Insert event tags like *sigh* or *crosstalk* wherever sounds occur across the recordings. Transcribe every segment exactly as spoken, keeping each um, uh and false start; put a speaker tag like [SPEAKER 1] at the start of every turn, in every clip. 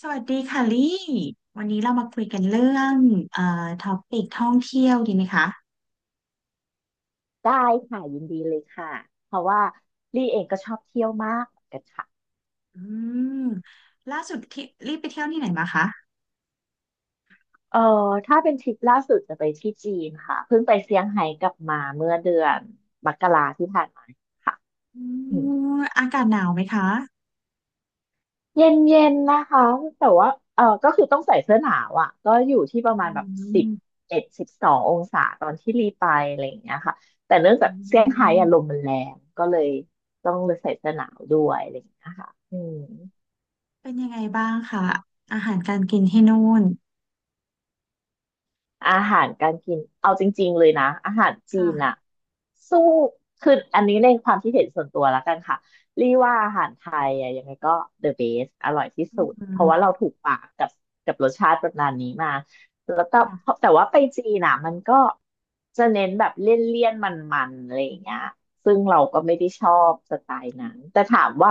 [SPEAKER 1] สวัสดีค่ะลี่ วันนี้เรามาคุยกันเรื่องเอ่อท็อปิกท่องเที่ยวดีไหมคะ
[SPEAKER 2] ได้ค่ะยินดีเลยค่ะเพราะว่าลี่เองก็ชอบเที่ยวมากเหมือนกันค่ะ
[SPEAKER 1] อืมล่าสุดที่ลี่ไปเที่ยวที่ไหนมาคะ
[SPEAKER 2] เออถ้าเป็นทริปล่าสุดจะไปที่จีนค่ะเพิ่งไปเซี่ยงไฮ้กลับมาเมื่อเดือนมกราที่ผ่านมาค่ะ
[SPEAKER 1] อื
[SPEAKER 2] อืม
[SPEAKER 1] มอากาศหนาวไหมคะ
[SPEAKER 2] เย็นเย็นนะคะแต่ว่าเออก็คือต้องใส่เสื้อหนาวอ่ะก็อยู่ที่ประ
[SPEAKER 1] อื
[SPEAKER 2] มาณแบบสิบ
[SPEAKER 1] ม
[SPEAKER 2] เอ็ดสิบสององศาตอนที่รีไปอะไรอย่างเงี้ยค่ะแต่เนื่องจา
[SPEAKER 1] อื
[SPEAKER 2] กเซี่ยงไฮ้อะลม
[SPEAKER 1] ม
[SPEAKER 2] มันแรงก็เลยต้องเลยใส่เสื้อหนาวด้วยอะไรอย่างเงี้ยค่ะอืม
[SPEAKER 1] เป็นยังไงบ้างคะอาหารการกินที่นู่น
[SPEAKER 2] อาหารการกินเอาจริงๆเลยนะอาหารจี
[SPEAKER 1] ค่ะ
[SPEAKER 2] นอะสู้คืออันนี้ในความคิดเห็นส่วนตัวแล้วกันค่ะรีว่าอาหารไทยอะยังไงก็ the best อร่อยที่
[SPEAKER 1] อื
[SPEAKER 2] สุดเพราะว่าเรา
[SPEAKER 1] ม
[SPEAKER 2] ถูกปากกับกับรสชาติประมาณนี้มาแล้วก็เพ
[SPEAKER 1] ค่ะ
[SPEAKER 2] ราะแต่ว่าไปจีนอะมันก็จะเน้นแบบเลี่ยนๆมันๆอะไรอย่างเงี้ยซึ่งเราก็ไม่ได้ชอบสไตล์นั้นแต่ถามว่า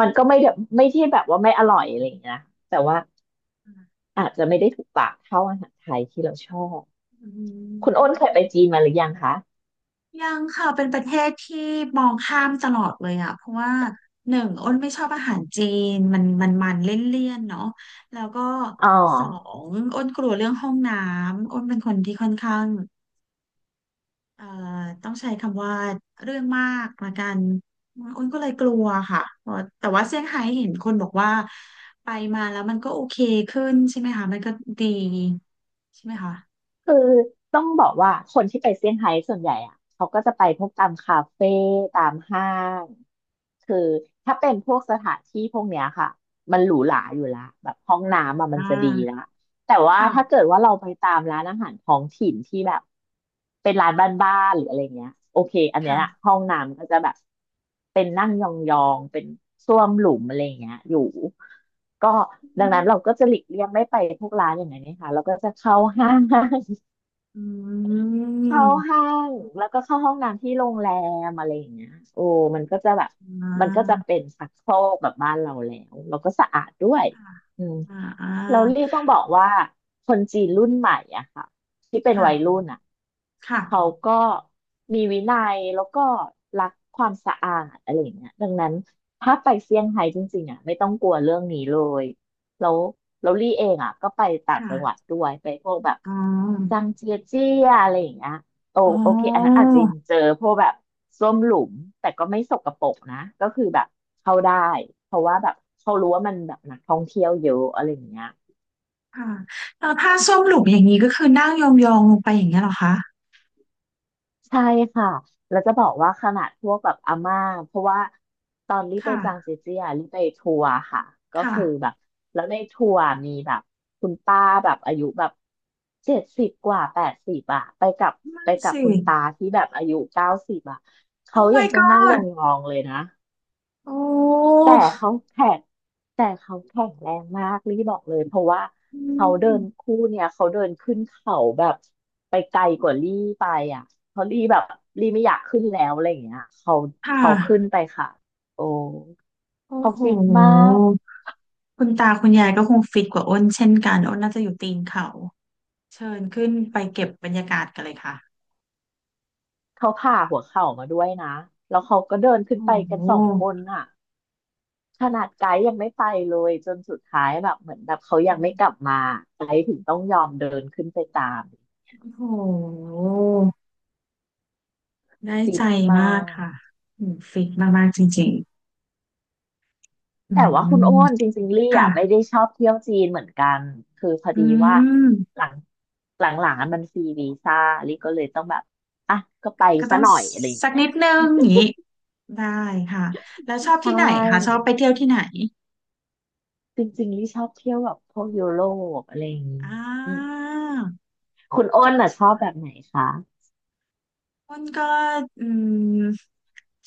[SPEAKER 2] มันก็ไม่ได้ไม่ที่แบบว่าไม่อร่อยอะไรอย่างเงี้ยนะแต่ว่าอาจจะไม่ได้ถูกปากเท่าอาหารไทยที่เราชอบ
[SPEAKER 1] อื
[SPEAKER 2] คุณอ้นเคยไปจี
[SPEAKER 1] ม
[SPEAKER 2] นมาหรือยังคะ
[SPEAKER 1] ยังค่ะเป็นประเทศที่มองข้ามตลอดเลยอ่ะเพราะว่าหนึ่งอ้นไม่ชอบอาหารจีนมันมันมันเลี่ยนๆเนาะแล้วก็
[SPEAKER 2] อ๋อ
[SPEAKER 1] สองอ้นกลัวเรื่องห้องน้ำอ้นเป็นคนที่ค่อนข้างเอ่อต้องใช้คำว่าเรื่องมากละกันอ้นก็เลยกลัวค่ะเพราะแต่ว่าเซี่ยงไฮ้เห็นคนบอกว่าไปมาแล้วมันก็โอเคขึ้นใช่ไหมคะมันก็ดีใช่ไหมคะ
[SPEAKER 2] คือต้องบอกว่าคนที่ไปเซี่ยงไฮ้ส่วนใหญ่อะเขาก็จะไปพวกตามคาเฟ่ตามห้างคือถ้าเป็นพวกสถานที่พวกเนี้ยค่ะมันหรูหราอยู่ละแบบห้องน้ำอะมัน
[SPEAKER 1] อ่า
[SPEAKER 2] จะดีละแต่ว่าถ้าเกิ
[SPEAKER 1] ค่ะ
[SPEAKER 2] ดว่าเราไปตามร้านอาหารท้องถิ่นที่แบบเป็นร้านบ้านๆหรืออะไรเงี้ยโอเคอันเนี้ยอะ
[SPEAKER 1] ค่ะ
[SPEAKER 2] ห้องน้ำก็จะแบบเป็นนั่งยองๆเป็นส้วมหลุมอะไรเงี้ยอยู่ก็ดังนั้นเราก็จะหลีกเลี่ยงไม่ไปพวกร้านอย่างนั้นนะคะเราก็จะเข้าห้าง
[SPEAKER 1] อื
[SPEAKER 2] เข้า
[SPEAKER 1] ม
[SPEAKER 2] ห้างแล้วก็เข้าห้องน้ำที่โรงแรมอะไรอย่างเงี้ยโอ้มันก็จะแบบ
[SPEAKER 1] อ่
[SPEAKER 2] มันก็จะ
[SPEAKER 1] า
[SPEAKER 2] เป็นชักโครกแบบบ้านเราแล้วแล้วก็สะอาดด้วย
[SPEAKER 1] ค่ะ
[SPEAKER 2] อืม
[SPEAKER 1] อ่าอ่า
[SPEAKER 2] เราเรียกต้องบอกว่าคนจีนรุ่นใหม่อะค่ะที่เป็น
[SPEAKER 1] ค่ะ
[SPEAKER 2] วัยรุ่นอะ
[SPEAKER 1] ค่ะ
[SPEAKER 2] เขาก็มีวินัยแล้วก็รักความสะอาดอะไรอย่างเงี้ยดังนั้นถ้าไปเซี่ยงไฮ้จริงๆอะไม่ต้องกลัวเรื่องนี้เลย แล้วแล้วลี่เองอ่ะก็ไปต่างจังหวัด
[SPEAKER 1] ค่ะ
[SPEAKER 2] ด้วยไปพวกแบบ
[SPEAKER 1] อ๋
[SPEAKER 2] จั
[SPEAKER 1] อ
[SPEAKER 2] งเจียเจียอะไรอย่างเงี้ยโอ
[SPEAKER 1] อ๋
[SPEAKER 2] โอเคอันนั้น
[SPEAKER 1] อ
[SPEAKER 2] อาจจะยังเจอพวกแบบส้วมหลุมแต่ก็ไม่สกปรกนะก็คือแบบเข้าได้เพราะว่าแบบเขารู้ว่ามันแบบนักท่องเที่ยวเยอะอะไรอย่างเงี้ย
[SPEAKER 1] ค่ะแล้วผ้าส้มหลุกอย่างนี้ก็คือนั่งยองๆลงไปอย่างเงี้ยเหรอคะ
[SPEAKER 2] ใช่ค่ะแล้วจะบอกว่าขนาดพวกแบบอาม่าเพราะว่าตอนรีไปจางเจ
[SPEAKER 1] ค่ะ
[SPEAKER 2] เจียรีไปทัวร์ค่ะ ก็
[SPEAKER 1] ค่ะ
[SPEAKER 2] คือแบบแล้วในทัวร์มีแบบคุณป้าแบบอายุแบบเจ็ดสิบกว่าแปดสิบอะไปกับ
[SPEAKER 1] ไม่
[SPEAKER 2] ไปกับ
[SPEAKER 1] สิ
[SPEAKER 2] คุณตาที่แบบอายุเก้าสิบอะ
[SPEAKER 1] โอ้
[SPEAKER 2] เขายั
[SPEAKER 1] my
[SPEAKER 2] งต้องนั่งย
[SPEAKER 1] god
[SPEAKER 2] องๆเลยนะ
[SPEAKER 1] โอ้
[SPEAKER 2] แต่เขาแข็งแต่เขาแข็งแรงมากลี่บอกเลยเพราะว่า
[SPEAKER 1] อื
[SPEAKER 2] เขาเดิ
[SPEAKER 1] ม
[SPEAKER 2] นคู่เนี่ยเขาเดินขึ้นเขาแบบไปไกลกว่าลี่ไปอ่ะเพราะลี่แบบลี่ไม่อยากขึ้นแล้วอะไรอย่างเงี้ยเขา
[SPEAKER 1] ค่ะ
[SPEAKER 2] เขาขึ้นไปค่ะโอ้
[SPEAKER 1] โอ้
[SPEAKER 2] เขา
[SPEAKER 1] โห
[SPEAKER 2] ฟิตมาก
[SPEAKER 1] คุณตาคุณยายก็คงฟิตกว่าอ้นเช่นกันอ้นน่าจะอยู่ตีนเขาเชิญขึ้นไปเก็บบรรยากาศกันเลยค่ะ
[SPEAKER 2] เขาผ่าหัวเข่ามาด้วยนะแล้วเขาก็เดินขึ้น
[SPEAKER 1] โอ้
[SPEAKER 2] ไป
[SPEAKER 1] โห
[SPEAKER 2] กันสองคนอ่ะขนาดไกด์ยังไม่ไปเลยจนสุดท้ายแบบเหมือนแบบเขายังไม่กลับมาไกด์ถึงต้องยอมเดินขึ้นไปตาม
[SPEAKER 1] โอ้โห ได้
[SPEAKER 2] ฟิ
[SPEAKER 1] ใจ
[SPEAKER 2] ตมา
[SPEAKER 1] มาก
[SPEAKER 2] ก
[SPEAKER 1] ค่ะอืมฟิกมากๆจริงๆอื
[SPEAKER 2] แต่ว่าคุณโอ้
[SPEAKER 1] ม
[SPEAKER 2] นจริงๆลี่อ่ะไม่
[SPEAKER 1] ค่ะ
[SPEAKER 2] ได้ชอบเที่ยวจีนเหมือนกันคือพอ
[SPEAKER 1] อื
[SPEAKER 2] ดีว่าห
[SPEAKER 1] ม
[SPEAKER 2] ลังหลังๆอะมันฟรีวีซ่าลี่ก็เลยต้องแบบอ่ะก็ไป
[SPEAKER 1] ก็ต้
[SPEAKER 2] ซะ
[SPEAKER 1] อง
[SPEAKER 2] หน่อยอะไรอย่าง
[SPEAKER 1] สัก
[SPEAKER 2] เงี้
[SPEAKER 1] นิ
[SPEAKER 2] ย
[SPEAKER 1] ดนึงอย่างนี้ได้ค่ะ แล้วชอบ
[SPEAKER 2] ใช่
[SPEAKER 1] ที่ไหนคะชอบไปเที่ยวที่ไหน
[SPEAKER 2] จริงๆลี่ชอบเที่ยวแบบพวกยุโรปอะไรอย่างงี้
[SPEAKER 1] อ่า
[SPEAKER 2] คุณโอ้นอ่ะชอบแบบไหนคะ
[SPEAKER 1] อ้นก็อืม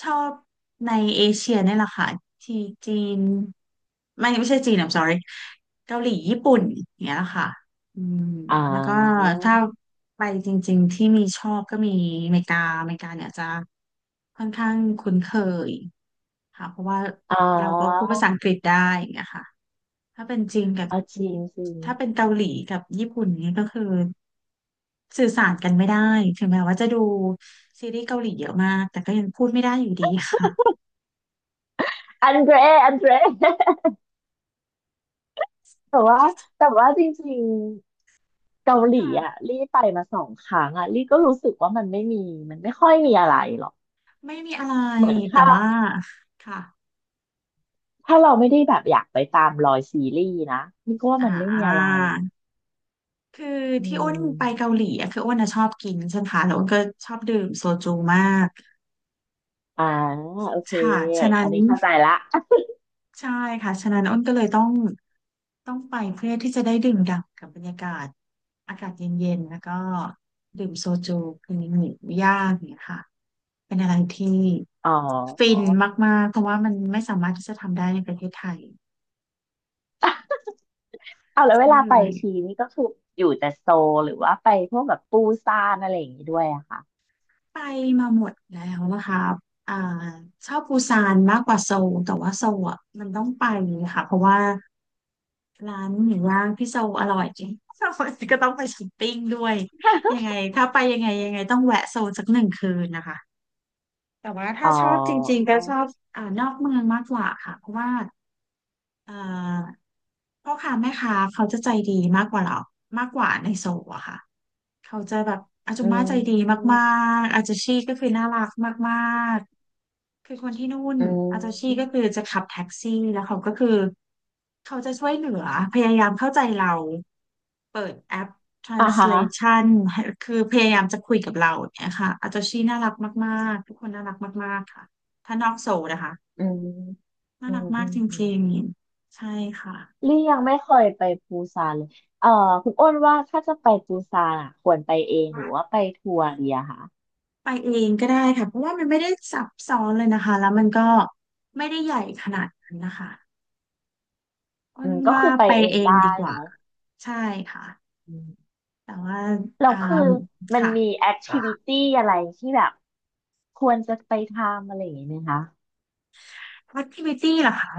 [SPEAKER 1] ชอบในเอเชียนี่แหละค่ะที่จีนไม่ไม่ใช่จีน I'm sorry เกาหลีญี่ปุ่นอย่างเงี้ยแหละค่ะอืม
[SPEAKER 2] อ๋อ
[SPEAKER 1] แล้วก็ถ้าไปจริงๆที่มีชอบก็มีอเมริกาอเมริกาเนี่ยจะค่อนข้างคุ้นเคยค่ะเพราะว่า
[SPEAKER 2] อ๋อ
[SPEAKER 1] เราก็พูดภาษาอังกฤษได้อย่างเงี้ยค่ะ ถ้าเป็นจีนกับ
[SPEAKER 2] อ๋อจีนจีน
[SPEAKER 1] ถ้าเป็นเกาหลีกับญี่ปุ่นเนี่ยก็คือสื่อสารกันไม่ได้ถึงแม้ว่าจะดูซีรีส์เกาหลีเยอะมากแต่ก็ยังพูดไม่ได้อยู่ดีค่ะ
[SPEAKER 2] อันเดรอันเดร แต่ว่า
[SPEAKER 1] *laughs*
[SPEAKER 2] แต่ว่าจริงๆเกาหลีอ่ะ
[SPEAKER 1] ค่ะ
[SPEAKER 2] ลี่ไปมาสองครั้งอ่ะลี่ก็รู้สึกว่ามันไม่มีมันไม่ค่อยมีอะไรหรอก
[SPEAKER 1] ไม่มีอะไร
[SPEAKER 2] เหมือน
[SPEAKER 1] แต่
[SPEAKER 2] ถ้า
[SPEAKER 1] ว่าค่ะ
[SPEAKER 2] ถ้าเราไม่ได้แบบอยากไปตามรอยซีรีส์นะนี่ก็ว่า
[SPEAKER 1] อ่า
[SPEAKER 2] มันไม่มีอะไรอ่ะ
[SPEAKER 1] คือ
[SPEAKER 2] อื
[SPEAKER 1] ที่อ้นไปเกา
[SPEAKER 2] ม
[SPEAKER 1] หลีอะคืออ้นอะชอบกินใช่ไหมคะแล้วอ้นก็ชอบดื่มโซจูมาก
[SPEAKER 2] อ่าโอเค
[SPEAKER 1] ค่ะฉะ
[SPEAKER 2] อั
[SPEAKER 1] นั้
[SPEAKER 2] น
[SPEAKER 1] น
[SPEAKER 2] นี้เข้าใจละ *laughs*
[SPEAKER 1] ใช่ค่ะฉะนั้นอ้นก็เลยต้องต้องไปเพื่อที่จะได้ดื่มด่ำกับบรรยากาศอากาศเย็นๆ แล้วก็ดื่มโซจูคือหมูย่างอย่างเนี่ยค่ะเป็นอะไรที่
[SPEAKER 2] อ๋
[SPEAKER 1] ฟิน
[SPEAKER 2] อ
[SPEAKER 1] มากๆ เพราะว่ามันไม่สามารถที่จะทำได้ในประเทศไทย
[SPEAKER 2] เอาแล้วเว
[SPEAKER 1] ใช่
[SPEAKER 2] ลา
[SPEAKER 1] เล
[SPEAKER 2] ไป
[SPEAKER 1] ย
[SPEAKER 2] ทีนี่ก็คืออยู่แต่โซลหรือว่าไปพวกแบบปูซานอะไรอย่างนี้ด้วยอะค่ะ
[SPEAKER 1] ไปมาหมดแล้วนะคะอ่าชอบปูซานมากกว่าโซลแต่ว่าโซลอ่ะมันต้องไปค่ะเพราะว่า ร้านหมูย่างพี่โซอร่อยจริง *laughs* ก็ต้องไปช้อปปิ้งด้วยยังไงถ้าไปยังไงยังไงต้องแวะโซนสักหนึ่งคืนนะคะ แต่ว่า
[SPEAKER 2] *laughs* อ๋
[SPEAKER 1] ถ้าชอบจริ
[SPEAKER 2] อ
[SPEAKER 1] งๆก็ชอบอ่านอกเมืองมากกว่าค่ะเพราะว่า เอ่าพ่อค้าแม่ค้าเขาจะใจดีมากกว่าเรามากกว่าในโซลอะค่ะเขาจะแบบอาจุ
[SPEAKER 2] อื
[SPEAKER 1] ม่าใจดี
[SPEAKER 2] ม
[SPEAKER 1] มากๆอาจาชีก็คือน่ารักมากๆคือคนที่นู่น
[SPEAKER 2] อื
[SPEAKER 1] อาจาชีก็คื
[SPEAKER 2] ม
[SPEAKER 1] อจะขับแท็กซี่แล้วเขาก็คือเขาจะช่วยเหลือพยายามเข้าใจเราเปิดแอป
[SPEAKER 2] อ่าฮะ
[SPEAKER 1] translation ให้คือพยายามจะคุยกับเราเนี่ยค่ะอาจาชีน่ารักมากๆทุกคนน่ารักมากๆค่ะถ้านอกโซลนะคะ
[SPEAKER 2] อืม
[SPEAKER 1] น่า
[SPEAKER 2] อื
[SPEAKER 1] รั
[SPEAKER 2] ม
[SPEAKER 1] กมา
[SPEAKER 2] อื
[SPEAKER 1] ก
[SPEAKER 2] ม
[SPEAKER 1] จ
[SPEAKER 2] อืม
[SPEAKER 1] ริงๆใช่ค่ะ
[SPEAKER 2] ลี่ยังไม่เคยไปปูซานเลยเอ่อคุณอ้นว่าถ้าจะไปปูซานอ่ะควรไปเองหรือว่า
[SPEAKER 1] ค่ะ
[SPEAKER 2] ไปทัวร์ดีอะคะ
[SPEAKER 1] ไปเองก็ได้ค่ะเพราะว่ามันไม่ได้ซับซ้อนเลยนะคะแล้วมันก็ไม่ได้ใหญ่ขนาดนั้นนะคะอ้
[SPEAKER 2] อื
[SPEAKER 1] น
[SPEAKER 2] มก็
[SPEAKER 1] ว่า
[SPEAKER 2] คือไป
[SPEAKER 1] ไป
[SPEAKER 2] เอง
[SPEAKER 1] เอง
[SPEAKER 2] ได้
[SPEAKER 1] ดีกว่า
[SPEAKER 2] เนาะ
[SPEAKER 1] ใช่ค่ะ
[SPEAKER 2] อืม
[SPEAKER 1] แต่ว่า
[SPEAKER 2] แล้ว
[SPEAKER 1] อ่า
[SPEAKER 2] คือมัน
[SPEAKER 1] ค่ะ
[SPEAKER 2] มีแอคทิวิตี้อะไรที่แบบควรจะไปทำอะไรอย่างเงี้ยไหมคะ
[SPEAKER 1] แอคทิวิตี้ล่ะคะ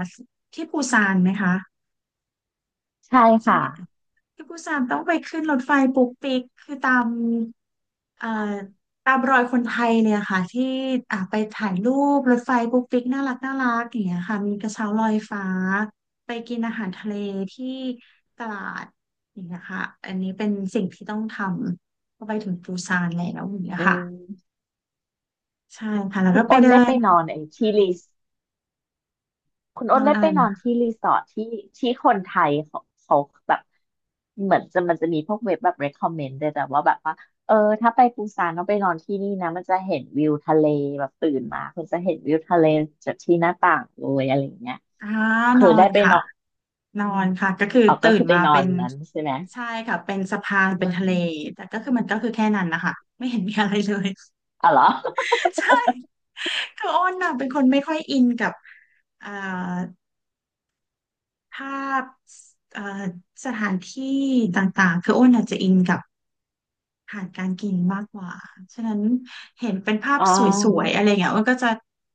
[SPEAKER 1] ที่ปูซานไหมคะ
[SPEAKER 2] ใช่
[SPEAKER 1] ใช่
[SPEAKER 2] ค่ะ
[SPEAKER 1] ไหม ที่ปูซานต้องไปขึ้นรถไฟปุ๊กปิกคือตามเอ่อตามรอยคนไทยเนี่ยค่ะที่อ่ะไปถ่ายรูปรถไฟปุ๊กปิกน่ารักน่ารักอย่างเงี้ยค่ะมีกระเช้าลอยฟ้าไปกินอาหารทะเลที่ตลาดอย่างเงี้ยค่ะอันนี้เป็นสิ่งที่ต้องทำพอไปถึงปูซานแล้วอย่างเงี้ย
[SPEAKER 2] อื
[SPEAKER 1] ค่ะ
[SPEAKER 2] ม
[SPEAKER 1] ใช่ค่ะแล้ว
[SPEAKER 2] คุ
[SPEAKER 1] ก็
[SPEAKER 2] ณ
[SPEAKER 1] ไป
[SPEAKER 2] อ้น
[SPEAKER 1] เดิ
[SPEAKER 2] ได้ไป
[SPEAKER 1] น
[SPEAKER 2] นอนไอ้ที่รี คุณ
[SPEAKER 1] น
[SPEAKER 2] อ้น
[SPEAKER 1] อน
[SPEAKER 2] ได้
[SPEAKER 1] อะ
[SPEAKER 2] ไป
[SPEAKER 1] ไร
[SPEAKER 2] นอน
[SPEAKER 1] นะ
[SPEAKER 2] ที่รีสอร์ทที่ที่คนไทยเขาเขาแบบเหมือนจะมันจะมีพวกเว็บแบบ recommend เลยแต่ว่าแบบว่าเออถ้าไปปูซานต้องไปนอนที่นี่นะมันจะเห็นวิวทะเลแบบตื่นมาคุณจะเห็นวิวทะเลจากที่หน้าต่างเลยอะไรอย่างเงี้ย
[SPEAKER 1] อ่าน
[SPEAKER 2] คือ
[SPEAKER 1] อ
[SPEAKER 2] ได้
[SPEAKER 1] น
[SPEAKER 2] ไป
[SPEAKER 1] ค่ะ
[SPEAKER 2] นอน
[SPEAKER 1] นอนค่ะก็คือ
[SPEAKER 2] อ๋อก็
[SPEAKER 1] ตื่น
[SPEAKER 2] คือไป
[SPEAKER 1] มา
[SPEAKER 2] นอ
[SPEAKER 1] เป็
[SPEAKER 2] น
[SPEAKER 1] น
[SPEAKER 2] นั้นใช่ไหม
[SPEAKER 1] ใช่ค่ะเป็นสะพานเป็นทะเลแต่ก็คือมันก็คือแค่นั้นนะคะไม่เห็นมีอะไรเลย
[SPEAKER 2] อ๋อเหรอ
[SPEAKER 1] *laughs* ใช่คืออ้นน่ะเป็นคนไม่ค่อยอินกับเอ่อภาพเอ่อสถานที่ต่างๆคืออ้นอาจจะอินกับ ผ่านการกินมากกว่าฉะนั้นเห็นเป็นภา
[SPEAKER 2] *laughs*
[SPEAKER 1] พ
[SPEAKER 2] อ๋อ
[SPEAKER 1] สวยๆอะไรเงี้ยมันก็จะ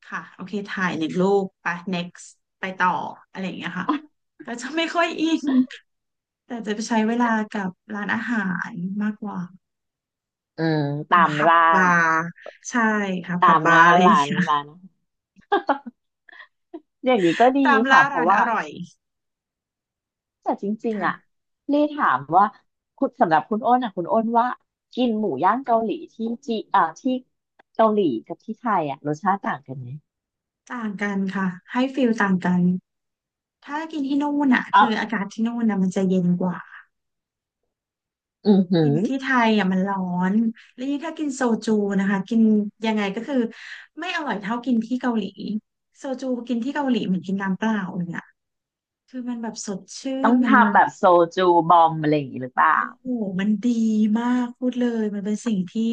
[SPEAKER 1] ค่ะโอเคถ่ายหนึ่งรูปไป next ไปต่ออะไรอย่างเงี้ยค่ะก็จะไม่ค่อยอินแต่จะไปใช้เวลากับร้านอาหารมากกว่า
[SPEAKER 2] อืมตาม
[SPEAKER 1] ผับ
[SPEAKER 2] ล่า
[SPEAKER 1] บาร์ใช่ค่ะผั
[SPEAKER 2] ตา
[SPEAKER 1] บ
[SPEAKER 2] ม
[SPEAKER 1] บาร์
[SPEAKER 2] ล่า
[SPEAKER 1] อะไรอย่าง
[SPEAKER 2] ร้าน
[SPEAKER 1] เงี้ย
[SPEAKER 2] ร้าน *laughs* อย่างนี้ก็ดี
[SPEAKER 1] ตาม
[SPEAKER 2] ค่ะ
[SPEAKER 1] ล่า
[SPEAKER 2] เพ
[SPEAKER 1] ร้า
[SPEAKER 2] ราะ
[SPEAKER 1] นอ
[SPEAKER 2] ว่า
[SPEAKER 1] ร่อย
[SPEAKER 2] แต่จริงๆอ่ะ
[SPEAKER 1] ค่ะ
[SPEAKER 2] เลี่ถามว่าคุณสำหรับคุณอ้นอ่ะคุณอ้นว่ากินหมูย่างเกาหลีที่จีอ่าที่เกาหลีกับที่ไทยอ่ะรสชาติต่างกันไหม
[SPEAKER 1] ต่างกันค่ะให้ฟิลต่างกันถ้ากินที่นู่นอ่ะ
[SPEAKER 2] อ่ะ
[SPEAKER 1] คืออากาศที่นู่นนะมันจะเย็นกว่า
[SPEAKER 2] อือหื
[SPEAKER 1] กิ
[SPEAKER 2] อ
[SPEAKER 1] นที่ไทยอ่ะมันร้อนแล้วยิ่งถ้ากินโซจูนะคะกินยังไงก็คือไม่อร่อยเท่ากินที่เกาหลีโซจูกินที่เกาหลีเหมือนกินน้ำเปล่าเลยอ่ะคือมันแบบสดชื่
[SPEAKER 2] ต้อ
[SPEAKER 1] น
[SPEAKER 2] ง
[SPEAKER 1] มัน
[SPEAKER 2] ทำแบบโซจูบอมอะไรอย่างงี้หรือเปล่า
[SPEAKER 1] โอ้โหมันดีมากพูดเลยมันเป็นสิ่งที่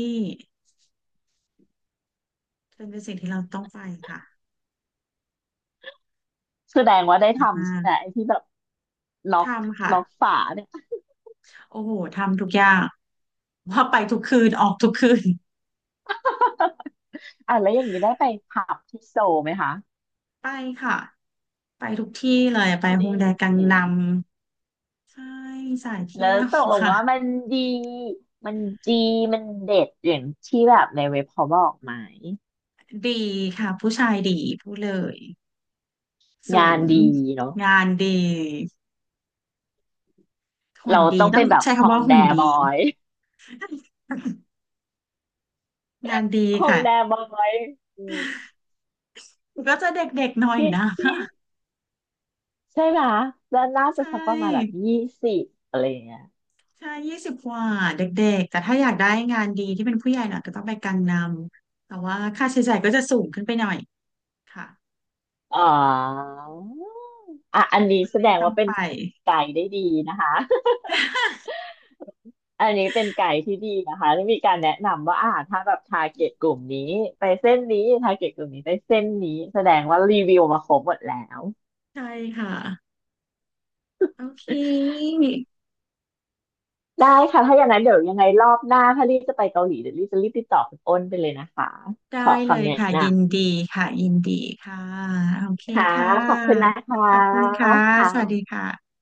[SPEAKER 1] เป็นเป็นสิ่งที่เราต้องไปค่ะ
[SPEAKER 2] แสดงว่าได้
[SPEAKER 1] มา
[SPEAKER 2] ทำใช่ไหม
[SPEAKER 1] ก
[SPEAKER 2] ไอ้ที่แบบล็อ
[SPEAKER 1] ๆ
[SPEAKER 2] ก
[SPEAKER 1] ทำค่ะ
[SPEAKER 2] ล็อกฝาเนี่ย
[SPEAKER 1] โอ้โหทำทุกอย่างว่าไปทุกคืนออกทุกคืน
[SPEAKER 2] อ่ะแล้วอย่างนี้ได้ไปผับที่โซลไหมคะ
[SPEAKER 1] ไปค่ะไปทุกที่เลยไปฮง
[SPEAKER 2] นี่
[SPEAKER 1] แดกังนำใช่สาย
[SPEAKER 2] แล้
[SPEAKER 1] เที่
[SPEAKER 2] ว
[SPEAKER 1] ยว
[SPEAKER 2] ตกลงว่า
[SPEAKER 1] ค่ะ
[SPEAKER 2] มันดี มันดี มันเด็ดอย่างที่แบบในเว็บเขาบอกไหม
[SPEAKER 1] ดีค่ะผู้ชายดีพูดเลยสู
[SPEAKER 2] งาน
[SPEAKER 1] ง
[SPEAKER 2] ดีเนาะ
[SPEAKER 1] งานดีหุ่น
[SPEAKER 2] เรา
[SPEAKER 1] ดี
[SPEAKER 2] ต้อง
[SPEAKER 1] ต้อ
[SPEAKER 2] เป็
[SPEAKER 1] ง
[SPEAKER 2] นแบบ
[SPEAKER 1] ใช้
[SPEAKER 2] ฮ
[SPEAKER 1] คำ
[SPEAKER 2] อ
[SPEAKER 1] ว่า
[SPEAKER 2] งแด
[SPEAKER 1] หุ่น
[SPEAKER 2] บ
[SPEAKER 1] ดี
[SPEAKER 2] อย
[SPEAKER 1] *laughs* งานดี
[SPEAKER 2] ฮอง
[SPEAKER 1] ค่ะ
[SPEAKER 2] แดบอยอืม
[SPEAKER 1] ก็จะเด็กๆหน่อย
[SPEAKER 2] ที่
[SPEAKER 1] นะ
[SPEAKER 2] ที่
[SPEAKER 1] *laughs*
[SPEAKER 2] ใช่ไหม แล้วน่า
[SPEAKER 1] ใช
[SPEAKER 2] จะสักประมาณแบบ
[SPEAKER 1] ่
[SPEAKER 2] ยี่สิบอะไรอย่างเงี้ย
[SPEAKER 1] ใช่ยี่สิบกว่าเด็กๆแต่ถ้าอยากได้งานดีที่เป็นผู้ใหญ่หน่อยก็ต้องไปกังนำแต่ว่าค่าใช้จ่ายก็จะสูงขึ้นไปหน่อยค่ะ
[SPEAKER 2] อ๋ออ่ะอันนี้
[SPEAKER 1] คุณ
[SPEAKER 2] แส
[SPEAKER 1] เล
[SPEAKER 2] ด
[SPEAKER 1] ย
[SPEAKER 2] ง
[SPEAKER 1] ต้อง
[SPEAKER 2] ว่าเป็น
[SPEAKER 1] ไป
[SPEAKER 2] ไกด์ได้ดีนะคะ *laughs* อันนี้เป็นไกด์ที่ดีนะคะที่มีการแนะนำว่าอ่าถ้าแบบทาร์เกตกลุ่มนี้ไปเส้นนี้ทาร์เกตกลุ่มนี้ไปเส้นนี้แสดงว่ารีวิวมาครบหมดแล้ว
[SPEAKER 1] ใช่ค่ะโอเค
[SPEAKER 2] ได้ค่ะถ้าอย่างนั้นเดี๋ยวยังไงรอบหน้าถ้ารีบจะไปเกาหลีเดี๋ยวรีบจะรีบติดต่อคุณอ้นไปเลยนะคะข
[SPEAKER 1] ได้
[SPEAKER 2] อ
[SPEAKER 1] เล
[SPEAKER 2] คำ
[SPEAKER 1] ย
[SPEAKER 2] แนะ
[SPEAKER 1] ค่ะยิ
[SPEAKER 2] นำ
[SPEAKER 1] นดีค่ะยินดีค่ะโอเค
[SPEAKER 2] ค่ะ
[SPEAKER 1] ค่
[SPEAKER 2] ขอบคุณนะ
[SPEAKER 1] ะ
[SPEAKER 2] คะ
[SPEAKER 1] ขอบคุณค่ะ
[SPEAKER 2] ค
[SPEAKER 1] สวัสดี
[SPEAKER 2] ่ะ
[SPEAKER 1] ค่ะ